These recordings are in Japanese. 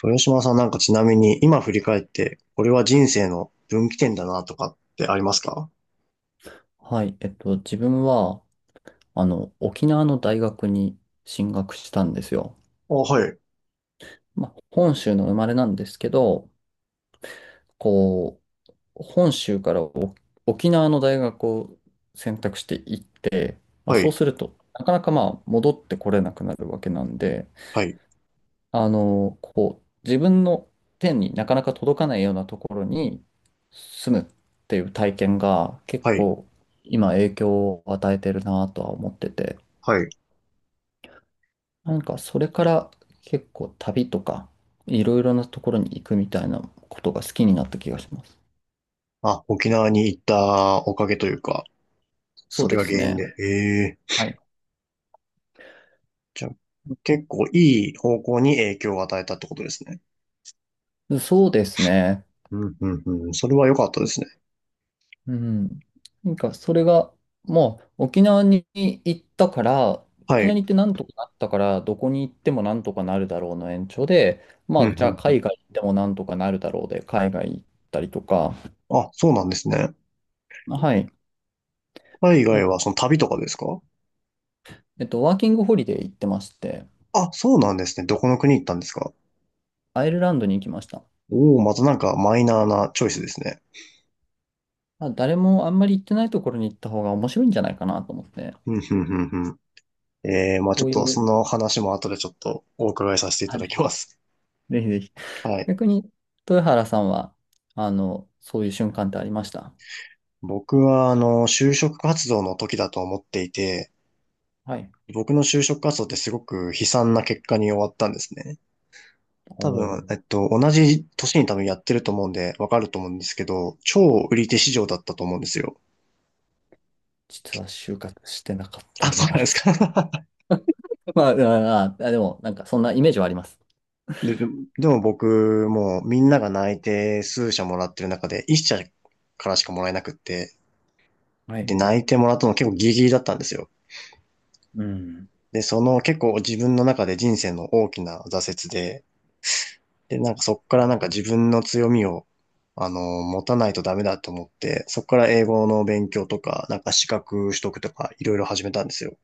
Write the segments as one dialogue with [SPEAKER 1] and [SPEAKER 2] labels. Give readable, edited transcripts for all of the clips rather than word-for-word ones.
[SPEAKER 1] 豊島さんなんかちなみに今振り返って、これは人生の分岐点だなとかってありますか？
[SPEAKER 2] はい、自分は、沖縄の大学に進学したんですよ。
[SPEAKER 1] あ、はい、
[SPEAKER 2] まあ、本州の生まれなんですけど、こ本州から沖縄の大学を選択していって、まあ、
[SPEAKER 1] は
[SPEAKER 2] そう
[SPEAKER 1] い、
[SPEAKER 2] すると、なかなかまあ、戻ってこれなくなるわけなんで、
[SPEAKER 1] はい、
[SPEAKER 2] 自分の手になかなか届かないようなところに住むっていう体験が結
[SPEAKER 1] はい、
[SPEAKER 2] 構、今影響を与えてるなとは思ってて、
[SPEAKER 1] はい。
[SPEAKER 2] なんかそれから結構旅とかいろいろなところに行くみたいなことが好きになった気がします。
[SPEAKER 1] あ、沖縄に行ったおかげというか、
[SPEAKER 2] そう
[SPEAKER 1] それ
[SPEAKER 2] で
[SPEAKER 1] が
[SPEAKER 2] す
[SPEAKER 1] 原因
[SPEAKER 2] ね。
[SPEAKER 1] で。ええ、
[SPEAKER 2] はい。
[SPEAKER 1] じゃあ、結構いい方向に影響を与えたってことですね。
[SPEAKER 2] そうですね。
[SPEAKER 1] うん、うん、うん。それは良かったですね。
[SPEAKER 2] うん。なんかそれがもう沖縄に行ったから、
[SPEAKER 1] は
[SPEAKER 2] 沖縄
[SPEAKER 1] い。
[SPEAKER 2] に行ってなんとかなったから、どこに行ってもなんとかなるだろうの延長で、
[SPEAKER 1] う
[SPEAKER 2] ま
[SPEAKER 1] ん、う
[SPEAKER 2] あじゃあ
[SPEAKER 1] ん、う
[SPEAKER 2] 海外行ってもなんとかなるだろうで、海外行ったりとか、
[SPEAKER 1] ん。あ、そうなんですね。
[SPEAKER 2] はい。
[SPEAKER 1] 海
[SPEAKER 2] なん
[SPEAKER 1] 外
[SPEAKER 2] か
[SPEAKER 1] はその旅とかですか？
[SPEAKER 2] ワーキングホリデー行ってまして、
[SPEAKER 1] あ、そうなんですね。どこの国行ったんですか？
[SPEAKER 2] アイルランドに行きました。
[SPEAKER 1] おおー、またなんかマイナーなチョイスですね。
[SPEAKER 2] まあ、誰もあんまり行ってないところに行った方が面白いんじゃないかなと思って、
[SPEAKER 1] うん、うん、うん、まあち
[SPEAKER 2] こ
[SPEAKER 1] ょっ
[SPEAKER 2] う
[SPEAKER 1] と
[SPEAKER 2] い
[SPEAKER 1] そ
[SPEAKER 2] う、
[SPEAKER 1] の話も後でちょっとお伺いさせてい
[SPEAKER 2] あ
[SPEAKER 1] ただき
[SPEAKER 2] れ、
[SPEAKER 1] ます。
[SPEAKER 2] ぜひぜひ。
[SPEAKER 1] はい。
[SPEAKER 2] 逆に、豊原さんは、そういう瞬間ってありました？
[SPEAKER 1] 僕は、就職活動の時だと思っていて、
[SPEAKER 2] はい。
[SPEAKER 1] 僕の就職活動ってすごく悲惨な結果に終わったんですね。
[SPEAKER 2] お
[SPEAKER 1] 多
[SPEAKER 2] ー、
[SPEAKER 1] 分、同じ年に多分やってると思うんで、わかると思うんですけど、超売り手市場だったと思うんですよ。
[SPEAKER 2] 実は就活してなかった
[SPEAKER 1] あ、
[SPEAKER 2] ん
[SPEAKER 1] そ
[SPEAKER 2] で、
[SPEAKER 1] うな
[SPEAKER 2] あ
[SPEAKER 1] ん
[SPEAKER 2] れ
[SPEAKER 1] で
[SPEAKER 2] で
[SPEAKER 1] す
[SPEAKER 2] す。
[SPEAKER 1] か。
[SPEAKER 2] まあ、でも、なんか、そんなイメージはあります。
[SPEAKER 1] で、でも僕、もうみんなが内定数社もらってる中で、1社からしかもらえなくって、
[SPEAKER 2] はい。
[SPEAKER 1] で、内定もらったの結構ギリギリだったんですよ。
[SPEAKER 2] うん。
[SPEAKER 1] で、その結構自分の中で人生の大きな挫折で、で、なんかそこからなんか自分の強みを、持たないとダメだと思って、そこから英語の勉強とか、なんか資格取得とか、いろいろ始めたんですよ。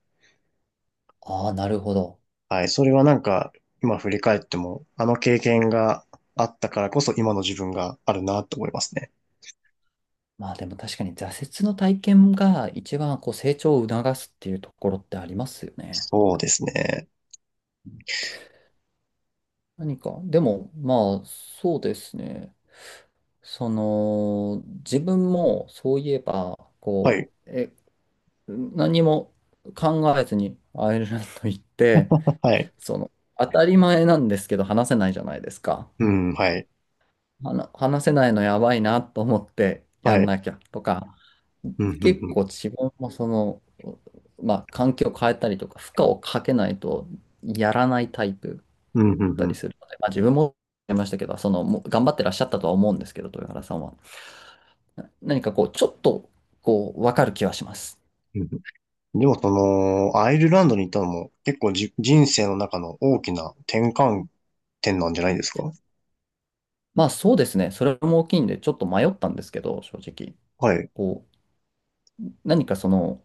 [SPEAKER 2] ああ、なるほど。
[SPEAKER 1] はい。それはなんか、今振り返っても、あの経験があったからこそ今の自分があるなと思いますね。
[SPEAKER 2] まあ、でも確かに挫折の体験が一番こう成長を促すっていうところってありますよね。
[SPEAKER 1] そうですね。
[SPEAKER 2] 何か、でも、まあ、そうですね。その、自分もそういえば、
[SPEAKER 1] はい。
[SPEAKER 2] 何も考えずにアイルランド行って、
[SPEAKER 1] はい。
[SPEAKER 2] その、当たり前なんですけど話せないじゃないですか。
[SPEAKER 1] うん、はい。
[SPEAKER 2] 話せないのやばいなと思ってや
[SPEAKER 1] は
[SPEAKER 2] ん
[SPEAKER 1] い。
[SPEAKER 2] なきゃとか、
[SPEAKER 1] うん、うん、
[SPEAKER 2] 結
[SPEAKER 1] うん。
[SPEAKER 2] 構自分もその、まあ、環境を変えたりとか、負荷をかけないとやらないタイプだっ
[SPEAKER 1] うん、うん、
[SPEAKER 2] た
[SPEAKER 1] う
[SPEAKER 2] り
[SPEAKER 1] ん。
[SPEAKER 2] するので、まあ、自分もやりましたけど、その、もう頑張ってらっしゃったとは思うんですけど、豊原さんは。何かこう、ちょっと、こう、わかる気はします。
[SPEAKER 1] うん、でもその、アイルランドに行ったのも結構じ、人生の中の大きな転換点なんじゃないですか？
[SPEAKER 2] まあ、そうですね。それも大きいんで、ちょっと迷ったんですけど、正直。
[SPEAKER 1] はい。
[SPEAKER 2] こ何かその、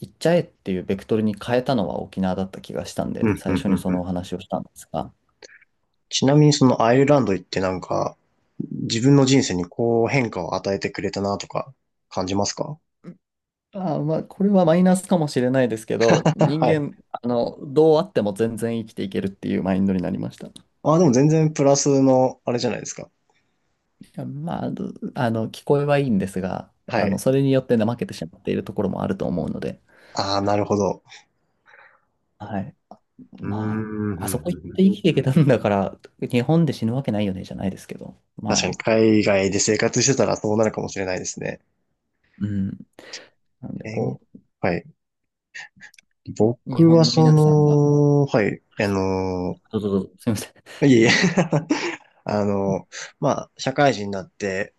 [SPEAKER 2] 行っちゃえっていうベクトルに変えたのは沖縄だった気がしたん
[SPEAKER 1] う
[SPEAKER 2] で、
[SPEAKER 1] ん、う
[SPEAKER 2] 最
[SPEAKER 1] ん、
[SPEAKER 2] 初
[SPEAKER 1] う
[SPEAKER 2] に
[SPEAKER 1] ん、
[SPEAKER 2] そ
[SPEAKER 1] う
[SPEAKER 2] のお
[SPEAKER 1] ん。
[SPEAKER 2] 話をしたんですが、
[SPEAKER 1] ちなみにそのアイルランド行ってなんか、自分の人生にこう変化を与えてくれたなとか感じますか？
[SPEAKER 2] ああ、まあこれはマイナスかもしれないですけど、人
[SPEAKER 1] は
[SPEAKER 2] 間、
[SPEAKER 1] い。
[SPEAKER 2] どうあっても全然生きていけるっていうマインドになりました。
[SPEAKER 1] ああ、でも全然プラスのあれじゃないですか。
[SPEAKER 2] まあ、聞こえはいいんですが、
[SPEAKER 1] はい。
[SPEAKER 2] それによって怠けてしまっているところもあると思うので、
[SPEAKER 1] ああ、なるほど。
[SPEAKER 2] はい。
[SPEAKER 1] うーん、う
[SPEAKER 2] ま
[SPEAKER 1] ん、
[SPEAKER 2] あ、
[SPEAKER 1] う
[SPEAKER 2] あ
[SPEAKER 1] ん、
[SPEAKER 2] そこ行っ
[SPEAKER 1] うん、
[SPEAKER 2] て生きていけたんだから、日本で死ぬわけないよね、じゃないですけど。
[SPEAKER 1] 確か
[SPEAKER 2] ま
[SPEAKER 1] に
[SPEAKER 2] あ、
[SPEAKER 1] 海外で生活してたらそうなるかもしれないですね。
[SPEAKER 2] うん。なんで、
[SPEAKER 1] えー、
[SPEAKER 2] こ
[SPEAKER 1] はい。
[SPEAKER 2] う、日
[SPEAKER 1] 僕は
[SPEAKER 2] 本の
[SPEAKER 1] そ
[SPEAKER 2] 皆さんが、
[SPEAKER 1] の、はい、
[SPEAKER 2] どうぞどうぞ、すみません。
[SPEAKER 1] いえいえ。 あの、まあ、社会人になって、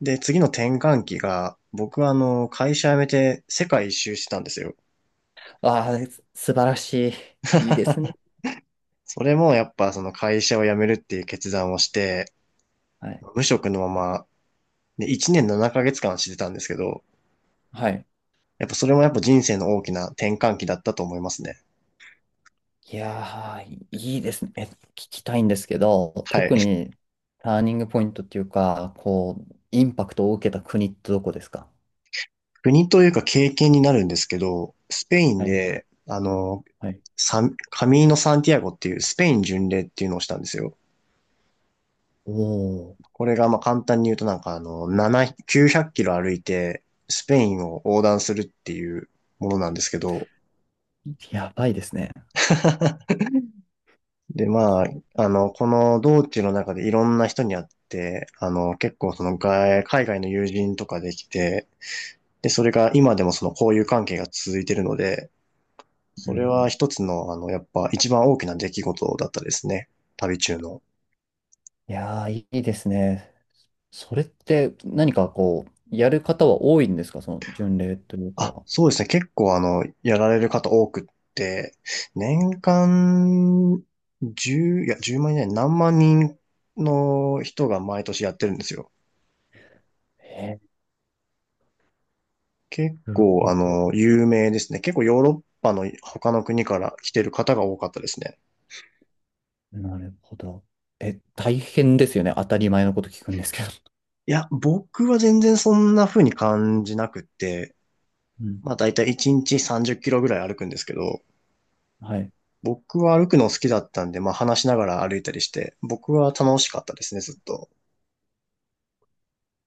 [SPEAKER 1] で、次の転換期が、僕は会社辞めて世界一周してたんですよ。
[SPEAKER 2] ああ、素晴らしい。いいですね。
[SPEAKER 1] それもやっぱその会社を辞めるっていう決断をして、
[SPEAKER 2] はい。
[SPEAKER 1] 無職のまま、で、1年7ヶ月間してたんですけど、
[SPEAKER 2] はい。
[SPEAKER 1] やっぱそれもやっぱ人生の大きな転換期だったと思いますね。
[SPEAKER 2] いやー、いですね。聞きたいんですけど、
[SPEAKER 1] はい。
[SPEAKER 2] 特にターニングポイントっていうか、こう、インパクトを受けた国ってどこですか？
[SPEAKER 1] 国というか経験になるんですけど、スペイン
[SPEAKER 2] はい。
[SPEAKER 1] で、
[SPEAKER 2] はい。
[SPEAKER 1] サカミーノ・サンティアゴっていうスペイン巡礼っていうのをしたんですよ。
[SPEAKER 2] おー、
[SPEAKER 1] これがまあ簡単に言うとなんか7、900キロ歩いてスペインを横断するっていうものなんですけど。
[SPEAKER 2] やばいですね。
[SPEAKER 1] で、まあ、この道中の中でいろんな人に会って、結構その海外の友人とかできて、で、それが今でもその交友関係が続いてるので、
[SPEAKER 2] う
[SPEAKER 1] そ
[SPEAKER 2] ん、う
[SPEAKER 1] れは
[SPEAKER 2] ん。
[SPEAKER 1] 一つの、やっぱ一番大きな出来事だったですね。旅中の。
[SPEAKER 2] いやー、いいですね。それって何かやる方は多いんですか、その巡礼という
[SPEAKER 1] あ、
[SPEAKER 2] か。
[SPEAKER 1] そうですね。結構やられる方多くって、年間1いや、1万人何万人の人が毎年やってるんですよ。
[SPEAKER 2] え
[SPEAKER 1] 結
[SPEAKER 2] ー、なる
[SPEAKER 1] 構
[SPEAKER 2] ほど。
[SPEAKER 1] 有名ですね。結構ヨーロッパの他の国から来てる方が多かったですね。
[SPEAKER 2] なるほど。え、大変ですよね。当たり前のこと聞くんですけど。
[SPEAKER 1] いや、僕は全然そんな風に感じなくって、
[SPEAKER 2] うん。
[SPEAKER 1] まあ大体1日30キロぐらい歩くんですけど、
[SPEAKER 2] はい。
[SPEAKER 1] 僕は歩くの好きだったんで、まあ話しながら歩いたりして、僕は楽しかったですね、ずっと。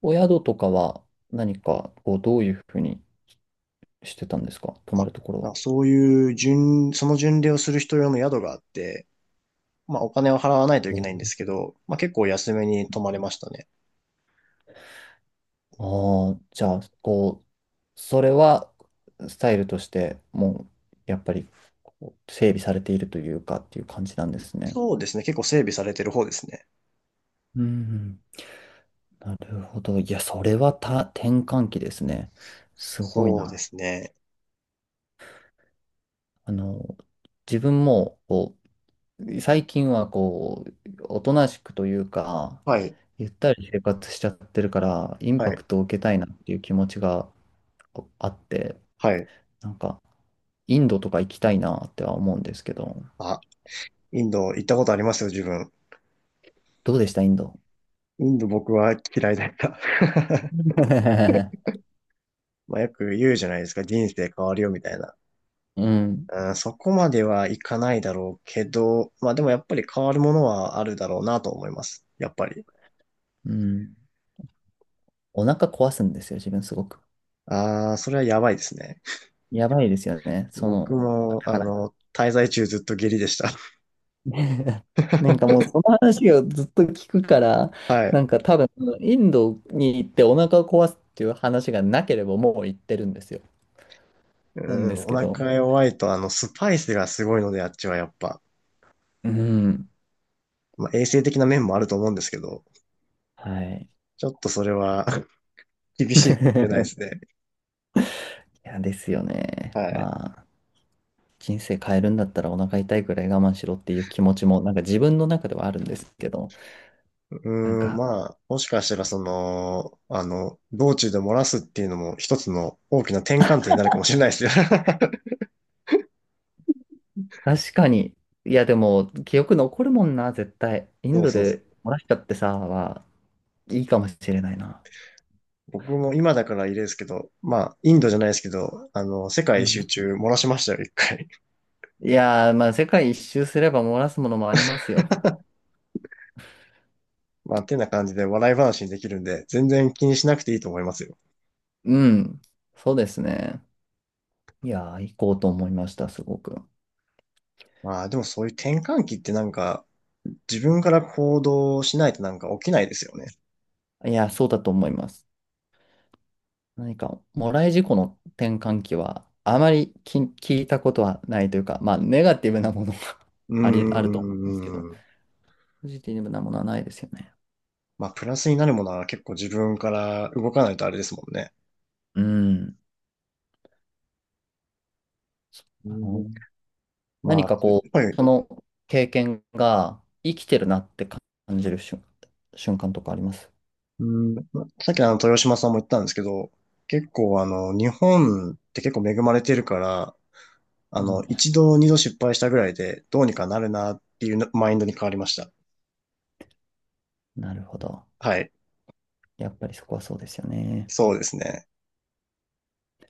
[SPEAKER 2] お宿とかは何かこう、どういうふうにしてたんですか、泊ま
[SPEAKER 1] あ、
[SPEAKER 2] るところ
[SPEAKER 1] そういうその巡礼をする人用の宿があって、まあお金を払わないといけないんで
[SPEAKER 2] は。
[SPEAKER 1] すけど、まあ結構安めに泊まれましたね。
[SPEAKER 2] おああー、じゃあ、こう、それはスタイルとしてやっぱりこう整備されているというかっていう感じなんですね。
[SPEAKER 1] そうですね。結構整備されてる方ですね。
[SPEAKER 2] うん、うん。なるほど。いや、それは転換期ですね。すごい
[SPEAKER 1] そうで
[SPEAKER 2] な。
[SPEAKER 1] すね。
[SPEAKER 2] あの、自分も、こう、最近は、こう、おとなしくというか、
[SPEAKER 1] はい。
[SPEAKER 2] ゆったり生活しちゃってるから、イン
[SPEAKER 1] は
[SPEAKER 2] パク
[SPEAKER 1] い。
[SPEAKER 2] トを受けたいなっていう気持ちがこうあって、
[SPEAKER 1] はい。
[SPEAKER 2] なんか、インドとか行きたいなっては思うんですけど、
[SPEAKER 1] あ、インド行ったことありますよ、自分。
[SPEAKER 2] どうでした、インド？
[SPEAKER 1] インド僕は嫌いだった。まあよく言うじゃないですか。人生変わるよ、みたいな。
[SPEAKER 2] うん、
[SPEAKER 1] うん、そこまではいかないだろうけど、まあでもやっぱり変わるものはあるだろうなと思います。やっぱり。
[SPEAKER 2] うん。お腹壊すんですよ、自分すごく。
[SPEAKER 1] ああ、それはやばいですね。
[SPEAKER 2] やばいですよね。そ
[SPEAKER 1] 僕
[SPEAKER 2] の、だ
[SPEAKER 1] も、
[SPEAKER 2] から
[SPEAKER 1] 滞在中ずっと下痢でした。
[SPEAKER 2] なんかもう その話をずっと聞くから、
[SPEAKER 1] はい。
[SPEAKER 2] なんか多分インドに行ってお腹を壊すっていう話がなければもう行ってるんですよ。
[SPEAKER 1] う
[SPEAKER 2] なん
[SPEAKER 1] ん、
[SPEAKER 2] です
[SPEAKER 1] お
[SPEAKER 2] けど。
[SPEAKER 1] 腹弱いと、スパイスがすごいので、あっちはやっぱ。
[SPEAKER 2] うん。
[SPEAKER 1] まあ、衛生的な面もあると思うんですけど、
[SPEAKER 2] はい。
[SPEAKER 1] ちょっとそれは 厳しいかもしれないで すね。
[SPEAKER 2] いや、ですよね。
[SPEAKER 1] はい。
[SPEAKER 2] まあ、人生変えるんだったらお腹痛いくらい我慢しろっていう気持ちも、なんか自分の中ではあるんですけど、
[SPEAKER 1] う
[SPEAKER 2] なん
[SPEAKER 1] ーん、
[SPEAKER 2] か、
[SPEAKER 1] まあ、もしかしたらその、道中で漏らすっていうのも一つの大きな転換点になるかもしれないですよ。
[SPEAKER 2] 確かに、いや、でも、記憶残るもんな、絶対。イン
[SPEAKER 1] そう
[SPEAKER 2] ド
[SPEAKER 1] そうそ
[SPEAKER 2] で
[SPEAKER 1] う。
[SPEAKER 2] 漏らしちゃってさ、いいかもしれないな。
[SPEAKER 1] 僕も今だからいいですけど、まあ、インドじゃないですけど、世
[SPEAKER 2] う
[SPEAKER 1] 界一周
[SPEAKER 2] ん。
[SPEAKER 1] 中漏らしましたよ、一回。
[SPEAKER 2] いやー、まあ、世界一周すれば漏らすものもありますよ。
[SPEAKER 1] まあ、てな感じで笑い話にできるんで、全然気にしなくていいと思いますよ。
[SPEAKER 2] うん。そうですね。いやー、行こうと思いました、すごく。
[SPEAKER 1] まあ、でもそういう転換期ってなんか、自分から行動しないとなんか起きないですよね。
[SPEAKER 2] いやー、そうだと思います。何か、もらい事故の転換期は、あまり聞いたことはないというか、まあ、ネガティブなものが
[SPEAKER 1] うー
[SPEAKER 2] あると思うんですけど、
[SPEAKER 1] ん。
[SPEAKER 2] ポジティブなものはないですよね。
[SPEAKER 1] まあ、プラスになるものは結構自分から動かないとあれですもんね。
[SPEAKER 2] うん。
[SPEAKER 1] う
[SPEAKER 2] あ
[SPEAKER 1] ん、
[SPEAKER 2] の、
[SPEAKER 1] ま
[SPEAKER 2] 何
[SPEAKER 1] あ、
[SPEAKER 2] か
[SPEAKER 1] やっ
[SPEAKER 2] こ
[SPEAKER 1] ぱ
[SPEAKER 2] う、
[SPEAKER 1] り、
[SPEAKER 2] その経験が生きてるなって感じる瞬間とかあります？
[SPEAKER 1] うん、さっきのあの豊島さんも言ったんですけど、結構あの、日本って結構恵まれてるから、
[SPEAKER 2] うん。
[SPEAKER 1] 一度二度失敗したぐらいで、どうにかなるなっていうマインドに変わりました。
[SPEAKER 2] なるほど。
[SPEAKER 1] はい。
[SPEAKER 2] やっぱりそこはそうですよね。
[SPEAKER 1] そうですね。